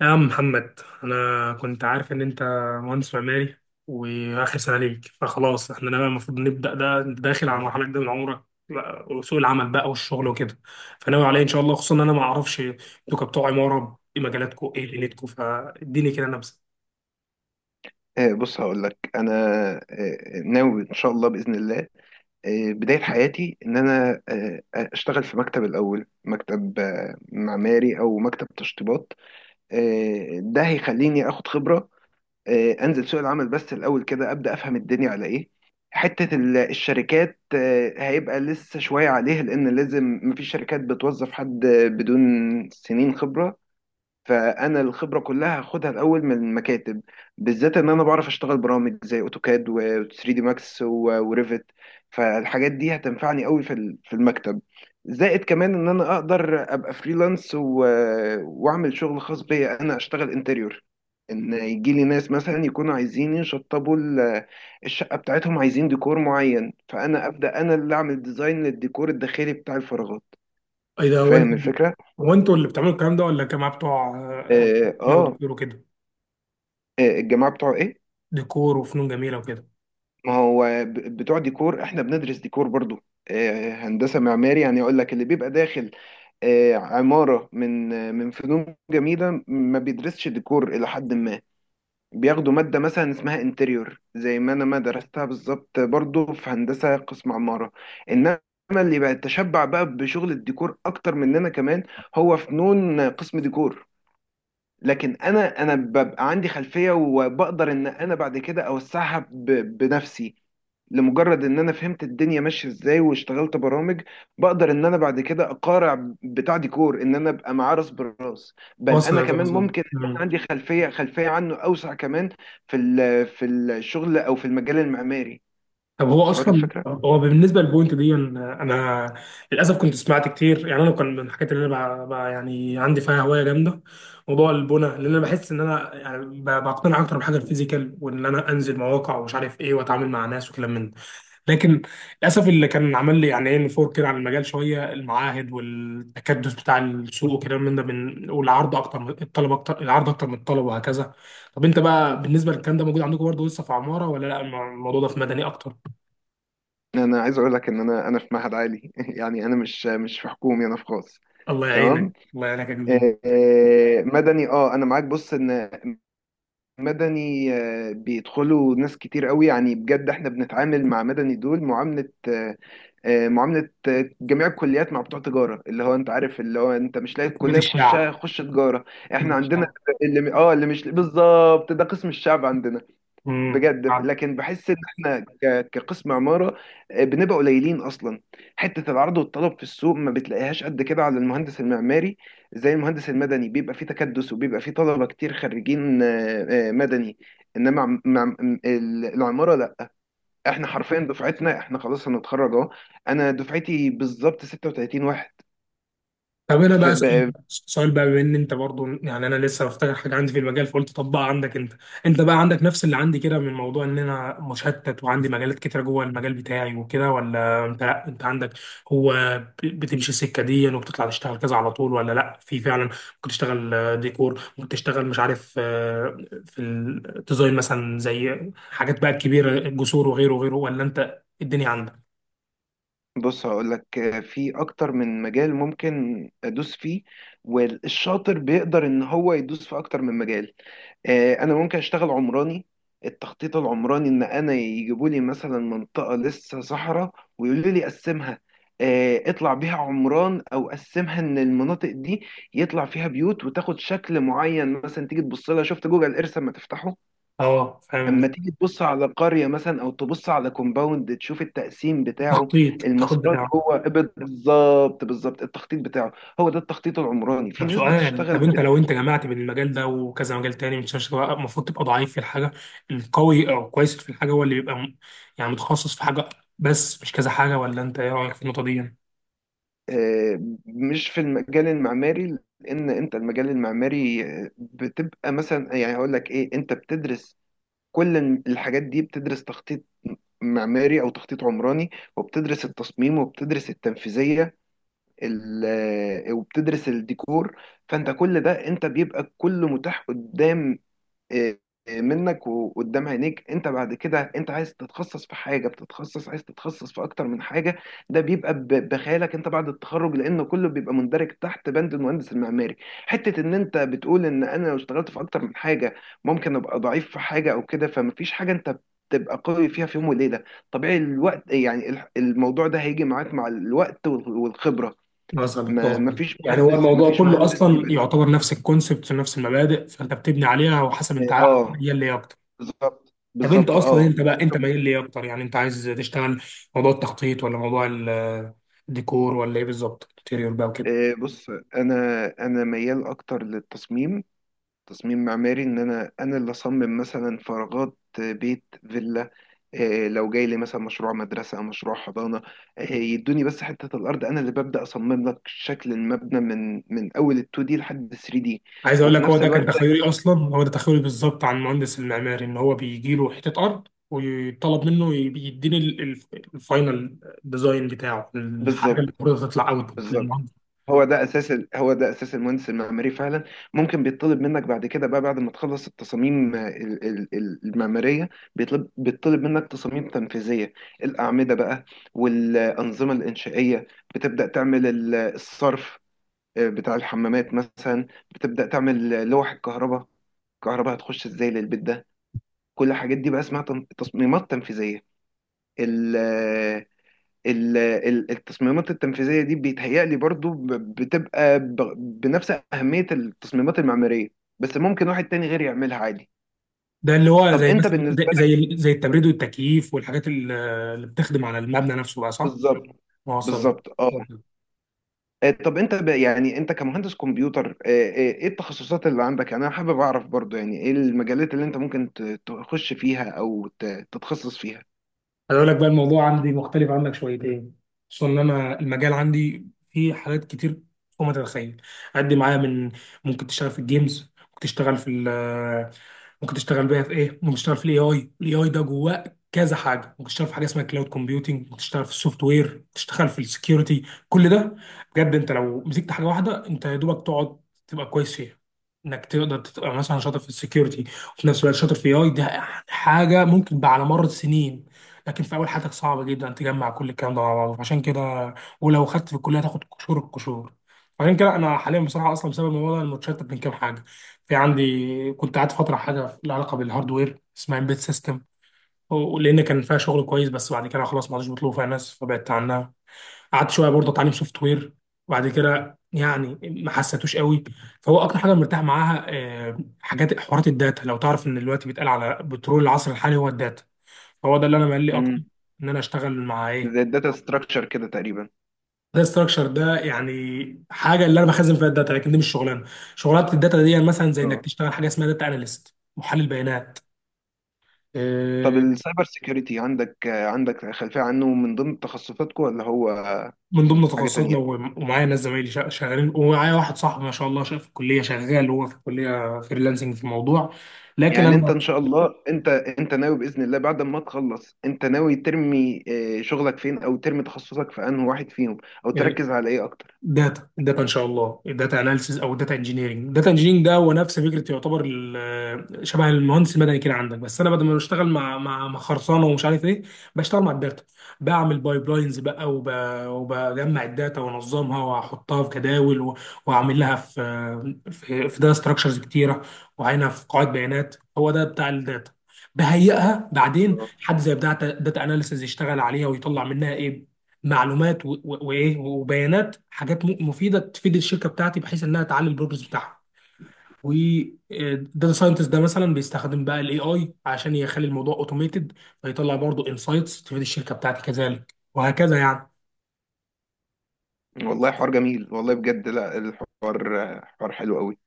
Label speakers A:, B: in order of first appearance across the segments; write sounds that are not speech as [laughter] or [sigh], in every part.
A: يا عم محمد، انا كنت عارف ان انت مهندس معماري واخر سنه ليك، فخلاص احنا بقى المفروض نبدا. ده انت داخل على مرحله جديده من عمرك بقى، وسوق العمل بقى والشغل وكده. فناوي عليا ان شاء الله؟ خصوصا ان انا ما اعرفش انتوا كبتوع عماره ايه مجالاتكم، ايه ليلتكم. فاديني كده نبذه.
B: بص هقول لك انا ناوي ان شاء الله باذن الله. بدايه حياتي ان انا اشتغل في مكتب، الاول مكتب معماري او مكتب تشطيبات. ده هيخليني اخد خبره، انزل سوق العمل، بس الاول كده ابدا افهم الدنيا على ايه. حته الشركات هيبقى لسه شويه عليها، لان لازم مفيش شركات بتوظف حد بدون سنين خبره. فانا الخبره كلها هاخدها الاول من المكاتب، بالذات ان انا بعرف اشتغل برامج زي اوتوكاد و3 دي ماكس و- وريفت. فالحاجات دي هتنفعني قوي في المكتب. زائد كمان ان انا اقدر ابقى فريلانس واعمل شغل خاص بيا، انا اشتغل انتريور، ان يجي لي ناس مثلا يكونوا عايزين يشطبوا الشقه بتاعتهم، عايزين ديكور معين، فانا ابدا انا اللي اعمل ديزاين للديكور الداخلي بتاع الفراغات.
A: ايه ده، هو انت
B: فاهم الفكره؟
A: هو انتوا اللي بتعملوا الكلام ده ولا الجماعه بتوع آه،
B: اه,
A: لا
B: آه.
A: وديكور وكده،
B: الجماعه بتوع ايه؟
A: ديكور وفنون جميله وكده.
B: ما هو بتوع ديكور، احنا بندرس ديكور برضو. هندسة معماري يعني، يقول لك اللي بيبقى داخل عمارة من فنون جميلة، ما بيدرسش ديكور إلى حد ما. بياخدوا مادة مثلا اسمها انتريور، زي ما أنا ما درستها بالظبط برضو في هندسة قسم عمارة. إنما اللي بقى تشبع بقى بشغل الديكور أكتر مننا كمان هو فنون قسم ديكور. لكن انا ببقى عندي خلفيه، وبقدر ان انا بعد كده اوسعها بنفسي، لمجرد ان انا فهمت الدنيا ماشيه ازاي واشتغلت برامج. بقدر ان انا بعد كده اقارع بتاع ديكور، ان انا ابقى معاه راس براس، بل انا
A: وصلت
B: كمان
A: وصلت.
B: ممكن ان انا عندي خلفيه عنه اوسع كمان في الشغل او في المجال المعماري.
A: طب هو
B: وصلك
A: اصلا،
B: الفكره؟
A: هو بالنسبه للبوينت دي أنا للاسف كنت سمعت كتير. يعني انا كان من الحاجات اللي انا يعني عندي فيها هوايه جامده موضوع البنى. لان انا بحس ان انا يعني بقتنع اكتر بحاجه الفيزيكال، وان انا انزل مواقع ومش عارف ايه، واتعامل مع ناس وكلام من ده. لكن للاسف اللي كان عمل لي يعني ايه نفور كده عن المجال شويه، المعاهد والتكدس بتاع السوق وكلام من ده، من والعرض اكتر من الطلب، اكتر العرض اكتر من الطلب، وهكذا. طب انت بقى بالنسبه للكلام ده موجود عندكم برضه لسه في عماره ولا لا، الموضوع ده في مدني اكتر؟
B: انا عايز اقول لك ان انا في معهد عالي [laughs] يعني انا مش في حكومي، انا في خاص.
A: الله
B: تمام.
A: يعينك الله يعينك يا جميل.
B: مدني، اه انا معاك. بص، ان مدني بيدخلوا ناس كتير قوي يعني، بجد احنا بنتعامل مع مدني دول معاملة آه، آه، معاملة آه، جميع الكليات، مع بتوع تجارة، اللي هو انت عارف، اللي هو انت مش لاقي
A: بيت
B: الكلية تخشها
A: الشعب.
B: خش تجارة. احنا
A: بيت
B: عندنا
A: الشعب.
B: اللي مش بالظبط ده قسم الشعب عندنا
A: امم
B: بجد، لكن بحس ان احنا كقسم عمارة بنبقى قليلين اصلا. حتة العرض والطلب في السوق ما بتلاقيهاش قد كده على المهندس المعماري. زي المهندس المدني بيبقى فيه تكدس، وبيبقى فيه طلبة كتير خريجين مدني. انما العمارة لا، احنا حرفيا دفعتنا احنا خلاص هنتخرج اهو. انا دفعتي بالظبط 36 واحد.
A: طب انا
B: ف-
A: بقى
B: ب-
A: اسال سؤال بقى، بما ان انت برضو، يعني انا لسه بفتكر حاجه عندي في المجال فقلت طبقها عندك انت. انت بقى عندك نفس اللي عندي كده من موضوع ان انا مشتت وعندي مجالات كتيره جوه المجال بتاعي وكده، ولا انت لأ، انت عندك هو بتمشي السكه دي وبتطلع تشتغل كذا على طول؟ ولا لا، في فعلا ممكن تشتغل ديكور، ممكن تشتغل مش عارف في الديزاين مثلا، زي حاجات بقى كبيره، جسور وغيره وغيره، ولا انت الدنيا عندك؟
B: بص هقول لك، في اكتر من مجال ممكن ادوس فيه، والشاطر بيقدر ان هو يدوس في اكتر من مجال. انا ممكن اشتغل عمراني، التخطيط العمراني، ان انا يجيبوا لي مثلا منطقه لسه صحراء ويقولوا لي قسمها. اطلع بيها عمران، او قسمها ان المناطق دي يطلع فيها بيوت، وتاخد شكل معين. مثلا تيجي تبص لها، شفت جوجل ايرث اما تفتحه؟
A: اه
B: اما
A: فاهم.
B: تيجي تبص على قريه مثلا، او تبص على كومباوند، تشوف التقسيم بتاعه،
A: التخطيط
B: المسارات
A: التخطيط.
B: جوه. بالظبط بالظبط، التخطيط بتاعه، هو ده التخطيط العمراني، في
A: طب
B: ناس
A: سؤال يعني، طب
B: بتشتغل
A: انت لو انت جمعت بين المجال ده وكذا مجال تاني، مش شرط المفروض تبقى ضعيف في الحاجه القوي، او كويس في الحاجه هو اللي بيبقى يعني متخصص في حاجه، بس مش كذا حاجه، ولا انت ايه رايك في النقطه دي يعني؟
B: آه، مش في المجال المعماري. لان انت المجال المعماري بتبقى مثلا، يعني هقول لك ايه، انت بتدرس كل الحاجات دي، بتدرس تخطيط معماري او تخطيط عمراني، وبتدرس التصميم، وبتدرس التنفيذيه ال- وبتدرس الديكور. فانت كل ده انت بيبقى كله متاح قدام إيه، إيه، منك وقدام عينيك. انت بعد كده، انت عايز تتخصص في حاجه بتتخصص، عايز تتخصص في اكتر من حاجه، ده بيبقى بخيالك انت بعد التخرج، لان كله بيبقى مندرج تحت بند المهندس المعماري. حته ان انت بتقول ان انا لو اشتغلت في اكتر من حاجه ممكن ابقى ضعيف في حاجه او كده، فمفيش حاجه انت تبقى قوي فيها في يوم وليله. طبيعي الوقت يعني، الموضوع ده هيجي معاك مع الوقت وال- والخبره.
A: مثلا
B: ما
A: مثلا،
B: مفيش
A: يعني هو
B: مهندس
A: الموضوع
B: مفيش
A: كله
B: مهندس
A: اصلا
B: بيبقى،
A: يعتبر نفس الكونسبت ونفس المبادئ، فانت بتبني عليها وحسب انت
B: اه
A: ميال ليه اكتر.
B: بالظبط
A: طب انت
B: بالظبط،
A: اصلا،
B: اه.
A: انت بقى انت ميال ليه اكتر؟ يعني انت عايز تشتغل موضوع التخطيط، ولا موضوع الديكور، ولا ايه بالظبط؟ انتيريور بقى وكده.
B: بص، انا ميال اكتر للتصميم، تصميم معماري، ان انا اللي اصمم مثلا فراغات، بيت، فيلا. لو جاي لي مثلا مشروع مدرسه، مشروع حضانه، يدوني بس حته الارض، انا اللي ببدا اصمم لك شكل المبنى من اول ال 2 دي لحد 3 دي.
A: عايز اقول
B: وفي
A: لك هو
B: نفس
A: ده
B: الوقت
A: كان تخيلي اصلا، هو ده تخيلي بالظبط عن المهندس المعماري، ان هو بيجي له حته ارض ويطلب منه يديني الفاينل ديزاين بتاعه، الحاجه
B: بالظبط
A: اللي المفروض تطلع اوت
B: بالظبط،
A: للمهندس.
B: هو ده اساس المهندس المعماري فعلا. ممكن بيطلب منك بعد كده بقى، بعد ما تخلص التصاميم المعماريه، بيطلب منك تصاميم تنفيذيه، الاعمده بقى، والانظمه الانشائيه، بتبدا تعمل الصرف بتاع الحمامات مثلا، بتبدا تعمل لوح الكهرباء، الكهرباء هتخش ازاي للبيت ده. كل الحاجات دي بقى اسمها تصميمات تنفيذيه. التصميمات التنفيذية دي بيتهيألي برضو بتبقى بنفس أهمية التصميمات المعمارية، بس ممكن واحد تاني غير يعملها عادي.
A: ده اللي هو
B: طب
A: زي
B: أنت
A: مثلا زي
B: بالنسبة لك،
A: زي التبريد والتكييف والحاجات اللي بتخدم على المبنى نفسه بقى، صح؟
B: بالظبط
A: واصل.
B: بالظبط، اه. طب أنت يعني أنت كمهندس كمبيوتر، إيه التخصصات اللي عندك؟ يعني أنا حابب أعرف برضو، يعني إيه المجالات اللي أنت ممكن تخش فيها أو تتخصص فيها؟
A: هقول لك بقى، الموضوع عندي مختلف عنك شويتين، خصوصا ان انا المجال عندي فيه حاجات كتير فوق ما تتخيل. عدي معايا من ممكن تشتغل في الجيمز، ممكن تشتغل في ممكن تشتغل بقى في ايه، ممكن تشتغل في الاي اي، الاي اي ده جواه كذا حاجه، ممكن تشتغل في حاجه اسمها كلاود كومبيوتنج، ممكن تشتغل في السوفت وير، ممكن تشتغل في السكيورتي. كل ده بجد انت لو مسكت حاجه واحده انت يا دوبك تقعد تبقى كويس فيها. انك تقدر تبقى مثلا شاطر في السكيورتي وفي نفس الوقت شاطر في اي ده حاجه ممكن بقى على مر السنين، لكن في اول حياتك صعب جدا تجمع كل الكلام ده مع بعضه. عشان كده، ولو خدت في الكليه تاخد قشور القشور. عشان كده انا حاليا بصراحه، اصلا بسبب الموضوع ده أنا متشتت بين كام حاجه. في عندي كنت قاعد فتره حاجه لها علاقه بالهاردوير اسمها امبيد سيستم، لان كان فيها شغل كويس، بس بعد كده خلاص ما عادش بيطلبوا فيها ناس فبعدت عنها. قعدت شويه برضه اتعلم سوفت وير، وبعد كده يعني ما حسيتوش قوي. فهو اكتر حاجه مرتاح معاها حاجات حوارات الداتا. لو تعرف ان دلوقتي بيتقال على بترول العصر الحالي هو الداتا، فهو ده اللي انا مالي اكتر
B: امم
A: ان انا اشتغل مع ايه.
B: زي الداتا ستراكشر كده تقريبا؟
A: ده ستراكشر ده يعني حاجه اللي انا بخزن فيها الداتا، لكن دي مش شغلانه. شغلات الداتا دي مثلا زي انك
B: اه.
A: تشتغل حاجه اسمها داتا اناليست، محلل بيانات.
B: طب
A: آه،
B: السايبر سيكيورتي عندك عندك خلفية عنه؟ من ضمن تخصصاتكم ولا هو
A: من ضمن
B: حاجة
A: تخصصاتنا،
B: تانية؟
A: ومعايا ناس زمايلي شغالين، ومعايا واحد صاحبي ما شاء الله في الكليه شغال هو في الكليه فريلانسنج في الموضوع. لكن
B: يعني انت
A: انا
B: ان شاء الله، انت ناوي بإذن الله بعد ما تخلص، انت ناوي ترمي شغلك فين، او ترمي تخصصك في انهي واحد فيهم، او تركز على ايه اكتر؟
A: داتا، الداتا ان شاء الله، الداتا اناليسيز او الداتا انجينيرنج. الداتا انجينيرنج ده هو نفس فكره، يعتبر شبه المهندس المدني كده عندك، بس انا بدل ما بشتغل مع مع خرسانه ومش عارف ايه، بشتغل مع الداتا. بعمل بايبلاينز بقى، وب... وبجمع الداتا وانظمها واحطها في جداول، و... واعمل لها في في داتا ستراكشرز كتيره، وعينها في قواعد بيانات. هو ده بتاع الداتا، بهيئها بعدين حد زي بتاع داتا اناليسيز يشتغل عليها ويطلع منها ايه، معلومات وايه وبيانات، حاجات مفيده تفيد الشركه بتاعتي، بحيث انها تعلي البروجرس بتاعها. والداتا ساينتست ده مثلا بيستخدم بقى الاي اي عشان يخلي الموضوع اوتوميتد، فيطلع برضو انسايتس تفيد الشركه بتاعتي كذلك، وهكذا يعني.
B: والله حوار جميل والله، بجد لا الحوار حوار حلو قوي.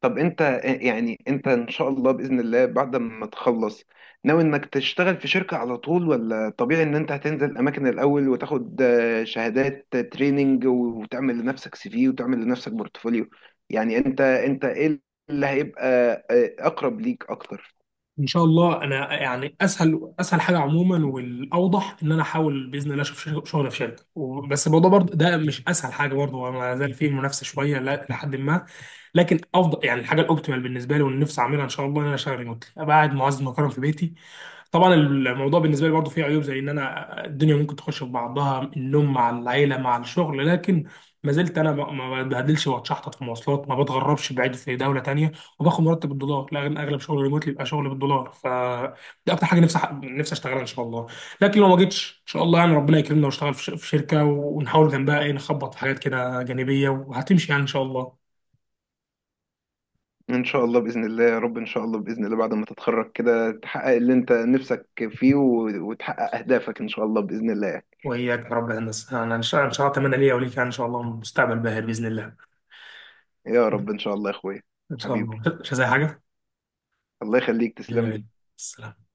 B: طب انت يعني، انت ان شاء الله باذن الله بعد ما تخلص، ناوي انك تشتغل في شركه على طول، ولا طبيعي ان انت هتنزل اماكن الاول وتاخد شهادات، تريننج، وتعمل لنفسك سي في وتعمل لنفسك بورتفوليو؟ يعني، انت ايه اللي هيبقى اقرب ليك اكتر؟
A: ان شاء الله انا يعني اسهل حاجه عموما والاوضح ان انا احاول باذن الله اشوف شغل في شركه بس الموضوع برضه ده مش اسهل حاجه برضه، هو ما زال فيه منافسه شويه لحد ما. لكن افضل يعني الحاجه الاوبتيمال بالنسبه لي واللي نفسي اعملها ان شاى الله، ان انا اشتغل ريموتلي، ابقى قاعد معزز مكرم في بيتي. طبعا الموضوع بالنسبه لي برضه فيه عيوب، زي ان انا الدنيا ممكن تخش في بعضها، النوم مع العيله مع الشغل، لكن ما زلت انا ما بتبهدلش واتشحطط في مواصلات، ما بتغربش بعيد في دوله تانية، وباخد مرتب بالدولار. لا اغلب شغل ريموتلي بيبقى شغل بالدولار، ف دي اكتر حاجه نفسي نفسي اشتغلها ان شاء الله. لكن لو ما جيتش ان شاء الله، يعني ربنا يكرمنا واشتغل في في شركه، ونحاول جنبها ايه، نخبط في حاجات كده جانبيه، وهتمشي يعني ان شاء الله.
B: ان شاء الله باذن الله يا رب، ان شاء الله باذن الله بعد ما تتخرج كده تحقق اللي انت نفسك فيه و- وتحقق اهدافك ان شاء الله باذن الله.
A: وإياك يا رب، يا هندسة، أنا إن شاء الله أتمنى ليا وليك، يعني إن شاء الله مستقبل باهر بإذن الله.
B: يا رب ان شاء الله يا اخويا،
A: إن شاء الله
B: حبيبي،
A: مش عايز أي حاجة.
B: الله يخليك،
A: يلا
B: تسلم
A: بينا.
B: لي.
A: السلام.